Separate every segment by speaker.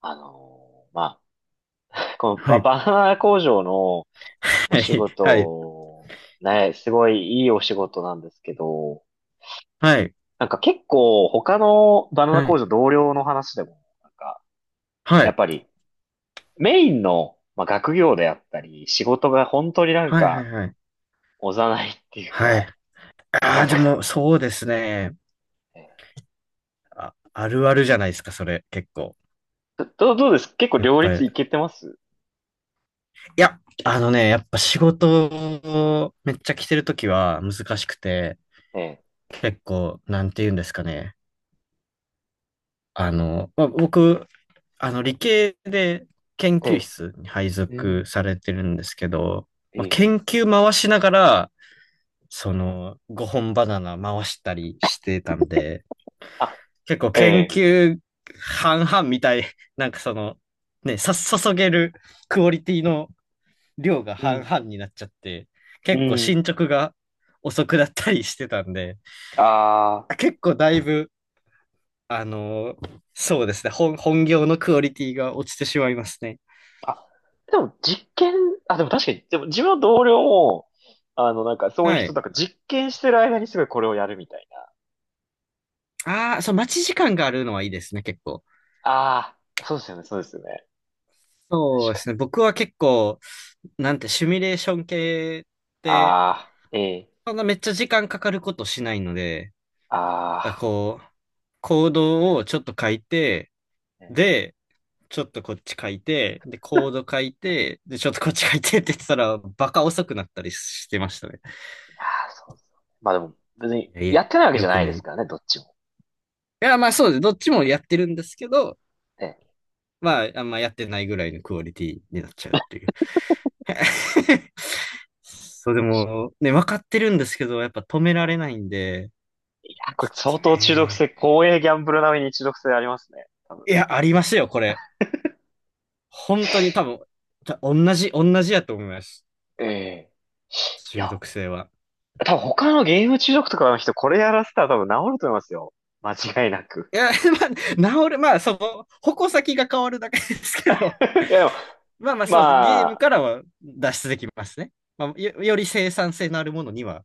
Speaker 1: まあ、この
Speaker 2: はい。
Speaker 1: バナナ工場のお
Speaker 2: は
Speaker 1: 仕
Speaker 2: い。はい。
Speaker 1: 事、ね、すごいいいお仕事なんですけど、
Speaker 2: はい。
Speaker 1: なんか結構他のバナナ
Speaker 2: は
Speaker 1: 工
Speaker 2: い。
Speaker 1: 場同僚の話でも、なんか、
Speaker 2: は
Speaker 1: やっ
Speaker 2: い。
Speaker 1: ぱりメインの、まあ、学業であったり、仕事が本当になん
Speaker 2: はい。は
Speaker 1: か、
Speaker 2: い。はい。
Speaker 1: おざなりっていう
Speaker 2: はい。
Speaker 1: か、
Speaker 2: あ
Speaker 1: な
Speaker 2: あ、
Speaker 1: ん
Speaker 2: で
Speaker 1: か、
Speaker 2: も、そうですね。
Speaker 1: え
Speaker 2: あ、あるあるじゃないですか、それ、結構。
Speaker 1: どうです結構
Speaker 2: やっ
Speaker 1: 両
Speaker 2: ぱ
Speaker 1: 立
Speaker 2: り。
Speaker 1: いけてます？
Speaker 2: いや、やっぱ仕事をめっちゃ来てるときは難しくて、
Speaker 1: ええ。
Speaker 2: 結構、なんて言うんですかね。まあ、僕、理系で研
Speaker 1: え
Speaker 2: 究
Speaker 1: え。
Speaker 2: 室に配
Speaker 1: う
Speaker 2: 属
Speaker 1: ん。
Speaker 2: されてるんですけど、まあ、
Speaker 1: ええ。
Speaker 2: 研究回しながら、5本バナナ回したりしてたんで、結構研
Speaker 1: あ、ええ。
Speaker 2: 究半々みたい、なんか、注げるクオリティの量が
Speaker 1: う
Speaker 2: 半
Speaker 1: ん、
Speaker 2: 々になっちゃって、
Speaker 1: う
Speaker 2: 結構
Speaker 1: ん。
Speaker 2: 進捗が遅くなったりしてたんで、
Speaker 1: ああ。
Speaker 2: 結構だいぶ、そうですね、本業のクオリティが落ちてしまいますね。
Speaker 1: あ、でも実験、あ、でも確かに、でも自分の同僚も、あの、なんかそういう
Speaker 2: は
Speaker 1: 人、
Speaker 2: い。
Speaker 1: なんか実験してる間にすごいこれをやるみたいな。
Speaker 2: ああ、そう、待ち時間があるのはいいですね、結構。
Speaker 1: ああ、そうですよね、そうですよね。
Speaker 2: そ
Speaker 1: 確
Speaker 2: うで
Speaker 1: か
Speaker 2: す
Speaker 1: に。
Speaker 2: ね、僕は結構、なんて、シミュレーション系って、
Speaker 1: ああ、ええ、
Speaker 2: そんなめっちゃ時間かかることしないので、
Speaker 1: あ
Speaker 2: あこう、コードをちょっと書いて、
Speaker 1: あ、ね、
Speaker 2: で、ちょっとこっち書いて、で、
Speaker 1: い
Speaker 2: コー
Speaker 1: や
Speaker 2: ド書いて、で、ちょっとこっち書いて って言ってたら、バカ遅くなったりしてましたね。
Speaker 1: ー、そうそう。まあでも、別に
Speaker 2: いやいや、
Speaker 1: やってないわけじ
Speaker 2: 良
Speaker 1: ゃ
Speaker 2: く
Speaker 1: ない
Speaker 2: な
Speaker 1: で
Speaker 2: い。
Speaker 1: す
Speaker 2: い
Speaker 1: からね、どっちも。
Speaker 2: や、まあそうです。どっちもやってるんですけど、
Speaker 1: ね。
Speaker 2: まあ、あんまやってないぐらいのクオリティになっちゃうっていう。そう、でも、ね、分かってるんですけど、やっぱ止め
Speaker 1: う
Speaker 2: ら
Speaker 1: ん。
Speaker 2: れないんで、
Speaker 1: いやー、こ
Speaker 2: ちょ
Speaker 1: れ
Speaker 2: っ
Speaker 1: 相
Speaker 2: と
Speaker 1: 当中毒
Speaker 2: ね。
Speaker 1: 性、公営ギャンブル並みに中毒性ありますね、多分。
Speaker 2: いや、ありますよ、これ。本当に多分、た同じ、同じやと思います。
Speaker 1: ええ。い
Speaker 2: 中
Speaker 1: や、
Speaker 2: 毒性は。
Speaker 1: 多分他のゲーム中毒とかの人、これやらせたら多分治ると思いますよ。間違いなく。
Speaker 2: いや、まあ、治る、まあ、矛先が変わるだけですけど、
Speaker 1: いや、でも、
Speaker 2: まあまあ、そうです。ゲーム
Speaker 1: まあ、
Speaker 2: からは脱出できますね。まあ、より生産性のあるものには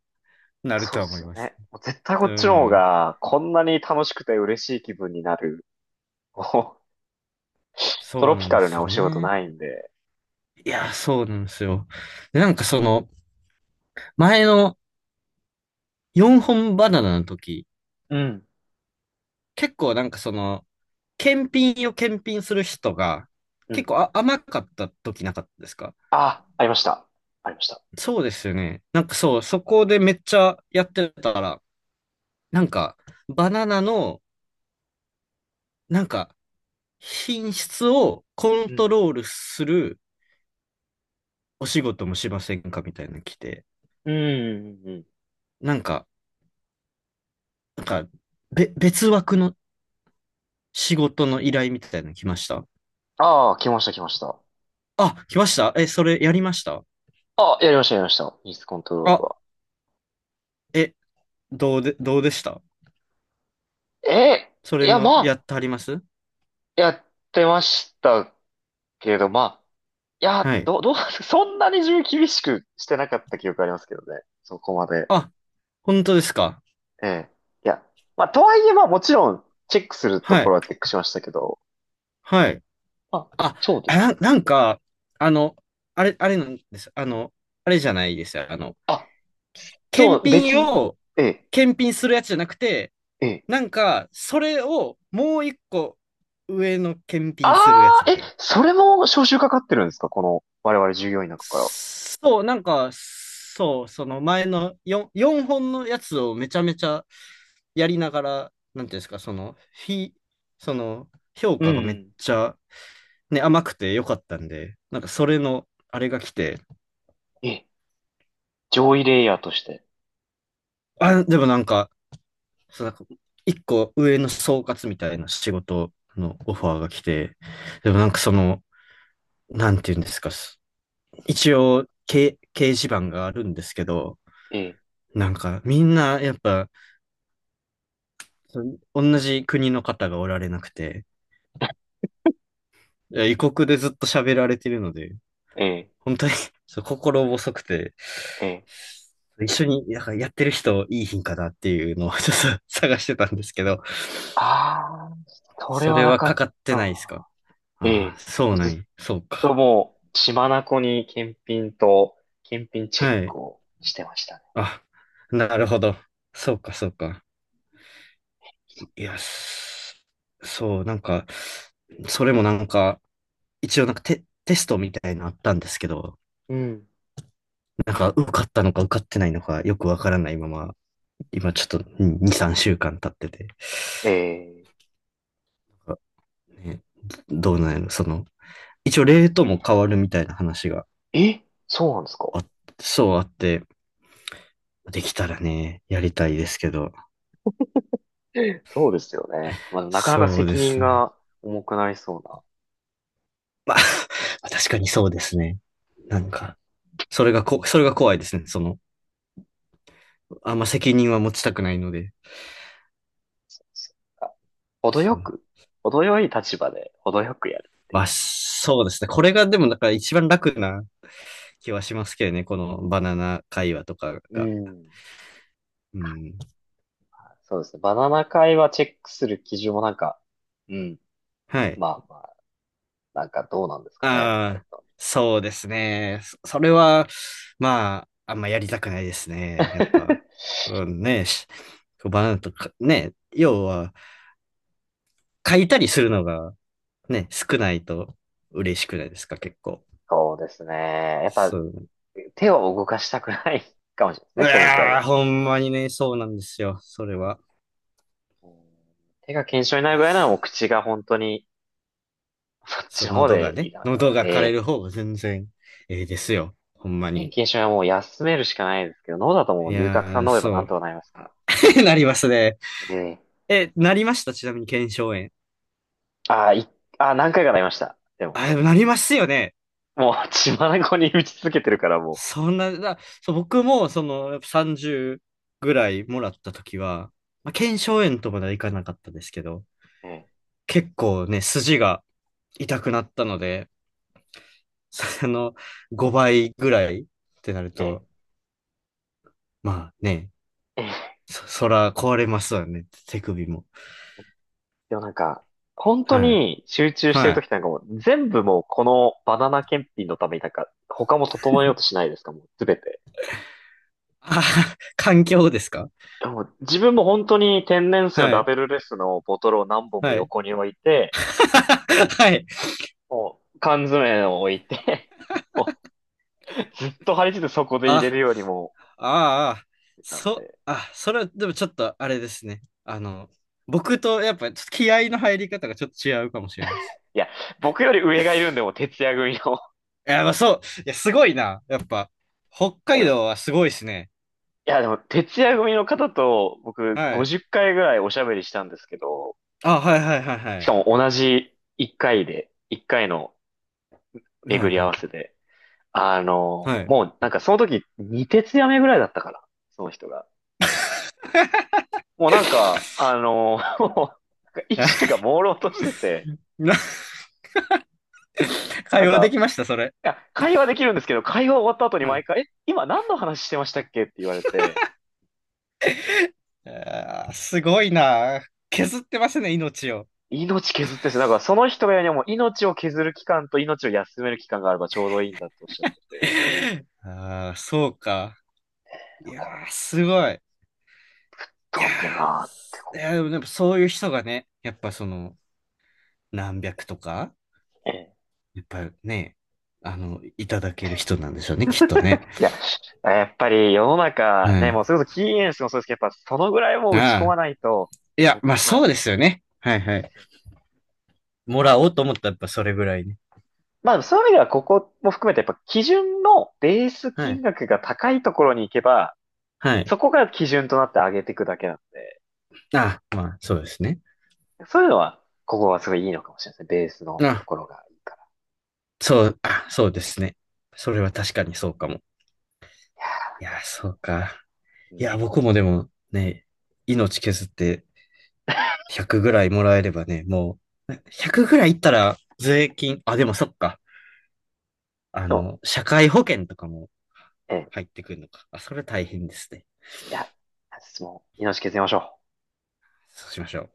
Speaker 2: なる
Speaker 1: そ
Speaker 2: と
Speaker 1: う
Speaker 2: は
Speaker 1: で
Speaker 2: 思
Speaker 1: す
Speaker 2: い
Speaker 1: よ
Speaker 2: ます。
Speaker 1: ね。もう絶対こ
Speaker 2: う
Speaker 1: っちの方
Speaker 2: ん。
Speaker 1: が、こんなに楽しくて嬉しい気分になる、こうト
Speaker 2: そう
Speaker 1: ロ
Speaker 2: な
Speaker 1: ピ
Speaker 2: ん
Speaker 1: カ
Speaker 2: で
Speaker 1: ル
Speaker 2: す
Speaker 1: なお
Speaker 2: よ
Speaker 1: 仕事
Speaker 2: ね。
Speaker 1: ないんで。
Speaker 2: いや、そうなんですよ。で、前の4本バナナの時、
Speaker 1: うん。
Speaker 2: 結構検品を検品する人が、
Speaker 1: うん。
Speaker 2: 結構甘かった時なかったですか？
Speaker 1: あ、ありました。ありました。
Speaker 2: そうですよね。なんかそう、そこでめっちゃやってたら、なんか、バナナの、なんか、品質をコン
Speaker 1: う
Speaker 2: ト
Speaker 1: ん。
Speaker 2: ロールするお仕事もしませんかみたいなの来て、
Speaker 1: うん。うん。
Speaker 2: なんか、なんか、別枠の仕事の依頼みたいなの来ました。
Speaker 1: ああ、来ました、来ました。
Speaker 2: あ、来ました、え、それやりました？
Speaker 1: あ、やりました、やりました。ミスコントロール
Speaker 2: あ、
Speaker 1: は。
Speaker 2: え、どうでした？
Speaker 1: え
Speaker 2: そ
Speaker 1: い
Speaker 2: れ
Speaker 1: や、
Speaker 2: も
Speaker 1: ま
Speaker 2: や
Speaker 1: あ、
Speaker 2: ってはります？
Speaker 1: やってましたけど、まあ、いや、
Speaker 2: はい。
Speaker 1: どう、どう、そんなに自分厳しくしてなかった記憶ありますけどね。そこまで。
Speaker 2: あ、本当ですか？
Speaker 1: ええ。いや、まあ、とはいえ、まあ、もちろん、チェックすると
Speaker 2: は
Speaker 1: ころ
Speaker 2: い。
Speaker 1: はチェックしましたけど、
Speaker 2: はい。
Speaker 1: まあ、
Speaker 2: あ、
Speaker 1: そうです。
Speaker 2: なんか、あの、あれなんです。あの、あれじゃないですよ。あの、
Speaker 1: あ、そ
Speaker 2: 検
Speaker 1: う、
Speaker 2: 品
Speaker 1: 別、
Speaker 2: を
Speaker 1: ええ、
Speaker 2: 検品するやつじゃなくて、
Speaker 1: ええ。
Speaker 2: なんか、それをもう一個上の検品するや
Speaker 1: あ
Speaker 2: つ
Speaker 1: あ、
Speaker 2: みたいな。
Speaker 1: それも招集かかってるんですか？この、我々従業員の中から。
Speaker 2: そう、なんか、そう、その前の 4本のやつをめちゃめちゃやりながら、なんていうんですか、その、評
Speaker 1: う
Speaker 2: 価がめっ
Speaker 1: ん。
Speaker 2: ちゃ、ね、甘くて良かったんで、なんかそれの、あれが来て、
Speaker 1: ええ、上位レイヤーとして。
Speaker 2: あ、でもなんか、そう、なんか、一個上の総括みたいな仕事のオファーが来て、
Speaker 1: え
Speaker 2: でも
Speaker 1: え、
Speaker 2: なんかその、なんていうんですか、一応、掲示板があるんですけど、
Speaker 1: ええ、
Speaker 2: なんか、みんな、やっぱ、そ同じ国の方がおられなくて、いや異国でずっと喋られてるので、
Speaker 1: ええ、
Speaker 2: 本当に そう心細くて、
Speaker 1: ええ。
Speaker 2: 一緒になんかやってる人いい品かなっていうのを ちょっと探してたんですけど、
Speaker 1: ああ、それ
Speaker 2: そ
Speaker 1: は
Speaker 2: れ
Speaker 1: な
Speaker 2: は
Speaker 1: か
Speaker 2: か
Speaker 1: っ
Speaker 2: かってないですか？
Speaker 1: た。え
Speaker 2: ああ
Speaker 1: え、
Speaker 2: ー、そ
Speaker 1: も
Speaker 2: う
Speaker 1: う
Speaker 2: な
Speaker 1: ず
Speaker 2: ん
Speaker 1: っ
Speaker 2: や。そう
Speaker 1: と
Speaker 2: か。
Speaker 1: もう、血眼に検品と、検品チェッ
Speaker 2: はい。
Speaker 1: クをしてましたね。
Speaker 2: あ、なるほど。そうか、そうか。
Speaker 1: そ
Speaker 2: い
Speaker 1: っ
Speaker 2: や、
Speaker 1: か。
Speaker 2: すそう、なんか、それもなんか、一応なんかテストみたいなのあったんですけど、
Speaker 1: うん。
Speaker 2: なんか受かったのか受かってないのかよくわからないまま、今ちょっと2、3週間経ってて、
Speaker 1: え
Speaker 2: あね、どうなんやろ、その、一応レートも変わるみたいな話が
Speaker 1: そうなんですか？
Speaker 2: あ、そうあって、できたらね、やりたいですけど、
Speaker 1: そうですよね。まあ、なかなか
Speaker 2: そうで
Speaker 1: 責任
Speaker 2: すね。
Speaker 1: が重くなりそうな。
Speaker 2: 確かにそうですね。なんか、それが怖いですね。その、あんま責任は持ちたくないので。
Speaker 1: そっか。程
Speaker 2: そ
Speaker 1: よ
Speaker 2: う。
Speaker 1: く、程よい立場で程よくやるって
Speaker 2: ま
Speaker 1: い
Speaker 2: あ、そうですね。これがでも、だから一番楽な気はしますけどね。このバナナ会話とか
Speaker 1: う。う
Speaker 2: が。
Speaker 1: ん。
Speaker 2: うん。
Speaker 1: そうですね。バナナ会はチェックする基準もなんか、うん。
Speaker 2: はい。
Speaker 1: まあまあ、なんかどうなんですかね。あれ
Speaker 2: ああ、
Speaker 1: と。
Speaker 2: そうですね。それは、まあ、あんまやりたくないですね。やっぱ、うんね、バナナとか、ね、要は、書いたりするのが、ね、少ないと嬉しくないですか、結構。
Speaker 1: そうですね。やっ
Speaker 2: そ
Speaker 1: ぱ
Speaker 2: う。
Speaker 1: 手を動かしたくないかもしれない
Speaker 2: う
Speaker 1: ですね。それに比べ
Speaker 2: わ
Speaker 1: る
Speaker 2: ー、
Speaker 1: と。
Speaker 2: ほんまにね、そうなんですよ。それは。
Speaker 1: うん。手が腱鞘炎に
Speaker 2: い
Speaker 1: なる
Speaker 2: や、
Speaker 1: ぐらいならもう
Speaker 2: す
Speaker 1: 口が本当に、こっち
Speaker 2: そう、
Speaker 1: の方
Speaker 2: 喉が
Speaker 1: でいめ
Speaker 2: ね、
Speaker 1: た方
Speaker 2: 喉
Speaker 1: が
Speaker 2: が枯れ
Speaker 1: ね。
Speaker 2: る方が全然ええですよ。ほんま
Speaker 1: 天
Speaker 2: に。
Speaker 1: 気にしはもう休めるしかないですけど、脳だとも
Speaker 2: い
Speaker 1: う龍角散
Speaker 2: やー、
Speaker 1: 飲めばな
Speaker 2: そ
Speaker 1: ん
Speaker 2: う。
Speaker 1: とかなりますか
Speaker 2: あ なりますね。
Speaker 1: ら、ええ。
Speaker 2: え、なりました？ちなみに腱鞘炎。
Speaker 1: ああ、ああ、何回かなりました。でも、
Speaker 2: あ、でもなりますよね。
Speaker 1: もう血眼に打ち続けてるからも
Speaker 2: そんな、だ、そう、僕も、その、やっぱ30ぐらいもらった時は、まあ、腱鞘炎とまではいかなかったですけど、
Speaker 1: う。え
Speaker 2: 結構ね、筋が痛くなったので、その、5倍ぐらいってなる
Speaker 1: え、ええ、
Speaker 2: と、まあね、
Speaker 1: ええ。
Speaker 2: そら壊れますわね、手首も。
Speaker 1: でもなんか、本当
Speaker 2: はい。
Speaker 1: に集中して
Speaker 2: は
Speaker 1: る
Speaker 2: い。
Speaker 1: 時ってなんかもう、全部もうこのバナナ検品のためになんか、他も整えようとしないですか？もうすべて。
Speaker 2: あ、環境ですか？
Speaker 1: でも自分も本当に天然水の
Speaker 2: は
Speaker 1: ラ
Speaker 2: い。
Speaker 1: ベルレスのボトルを何本も
Speaker 2: はい。
Speaker 1: 横に置いて、も
Speaker 2: はい。
Speaker 1: う、もう缶詰を置いて ずっと張り付いてそこで入れる
Speaker 2: あ、
Speaker 1: よりも、
Speaker 2: ああ、
Speaker 1: なんで。
Speaker 2: それはでもちょっとあれですね。あの、僕とやっぱちょっと気合の入り方がちょっと違うかもしれないです。
Speaker 1: いや、僕より上がいるんで、もう徹夜組の。
Speaker 2: いや、まあそう。いや、すごいな。やっぱ、北
Speaker 1: あ
Speaker 2: 海
Speaker 1: の、
Speaker 2: 道はすごいですね。
Speaker 1: いや、でも、徹夜組の方と、僕、
Speaker 2: はい。
Speaker 1: 50回ぐらいおしゃべりしたんですけど、
Speaker 2: あ、はいはいはいは
Speaker 1: しか
Speaker 2: い。
Speaker 1: も同じ1回で、1回の
Speaker 2: は
Speaker 1: 巡
Speaker 2: い
Speaker 1: り
Speaker 2: は
Speaker 1: 合わせ
Speaker 2: い。
Speaker 1: で。あ
Speaker 2: は
Speaker 1: の、
Speaker 2: い。
Speaker 1: もう、なんかその時、2徹夜目ぐらいだったからその人が。もうなんか、あの、もうなんか意識が 朦朧としてて、
Speaker 2: な、
Speaker 1: な
Speaker 2: 会
Speaker 1: ん
Speaker 2: 話でき
Speaker 1: か、
Speaker 2: ました、それ？
Speaker 1: いや、会話できるんですけど、会話終わった後に
Speaker 2: はい、
Speaker 1: 毎回、え、今何の話してましたっけって言われて、
Speaker 2: あーすごいな。削ってますね、命を。
Speaker 1: 命削ってですなんその人が言うにはもう命を削る期間と命を休める期間があればちょうどいいんだっておっしゃってて、
Speaker 2: ああ、そうか。い
Speaker 1: なん
Speaker 2: や
Speaker 1: か
Speaker 2: ー、すごい。いや
Speaker 1: 飛んでるなーって
Speaker 2: ー、いやー
Speaker 1: こ
Speaker 2: でも、でもそういう人がね、やっぱその、何百とか、
Speaker 1: う。ええ。
Speaker 2: やっぱね、あの、いただける人なんでしょうね、きっとね。
Speaker 1: いや、やっぱり世の中
Speaker 2: は
Speaker 1: ね、もう
Speaker 2: い。
Speaker 1: それこそキーエンスもそうですけど、やっぱそのぐらいもう
Speaker 2: あ
Speaker 1: 打ち込ま
Speaker 2: あ、
Speaker 1: ないと、
Speaker 2: いや、まあ
Speaker 1: ま
Speaker 2: そう
Speaker 1: あ、
Speaker 2: ですよね。はい
Speaker 1: で
Speaker 2: はい。
Speaker 1: すよ。
Speaker 2: も
Speaker 1: ま
Speaker 2: ら
Speaker 1: あ、
Speaker 2: おうと思ったらやっぱそれぐらいね。
Speaker 1: まあそういう意味ではここも含めてやっぱ基準のベース
Speaker 2: は
Speaker 1: 金
Speaker 2: い。
Speaker 1: 額が高いところに行けば、
Speaker 2: はい。
Speaker 1: そこが基準となって上げていくだけなんで。
Speaker 2: ああ、まあそうですね。
Speaker 1: そういうのは、ここはすごいいいのかもしれないですね。ベースのと
Speaker 2: あ
Speaker 1: ころがいいから。
Speaker 2: そう、あ、そうですね。それは確かにそうかも。
Speaker 1: な
Speaker 2: い
Speaker 1: ん
Speaker 2: や
Speaker 1: か
Speaker 2: ー、
Speaker 1: も
Speaker 2: そうか。
Speaker 1: う。う
Speaker 2: いや、
Speaker 1: ん。
Speaker 2: 僕もでもね、命削って100ぐらいもらえればね、もう、100ぐらいいったら税金、あ、でもそっか。あ
Speaker 1: でも、
Speaker 2: の、社会保険とかも
Speaker 1: ええ、
Speaker 2: 入ってくるのか。あ、それ大変ですね。
Speaker 1: いや、質問、命削りましょう。
Speaker 2: そうしましょう。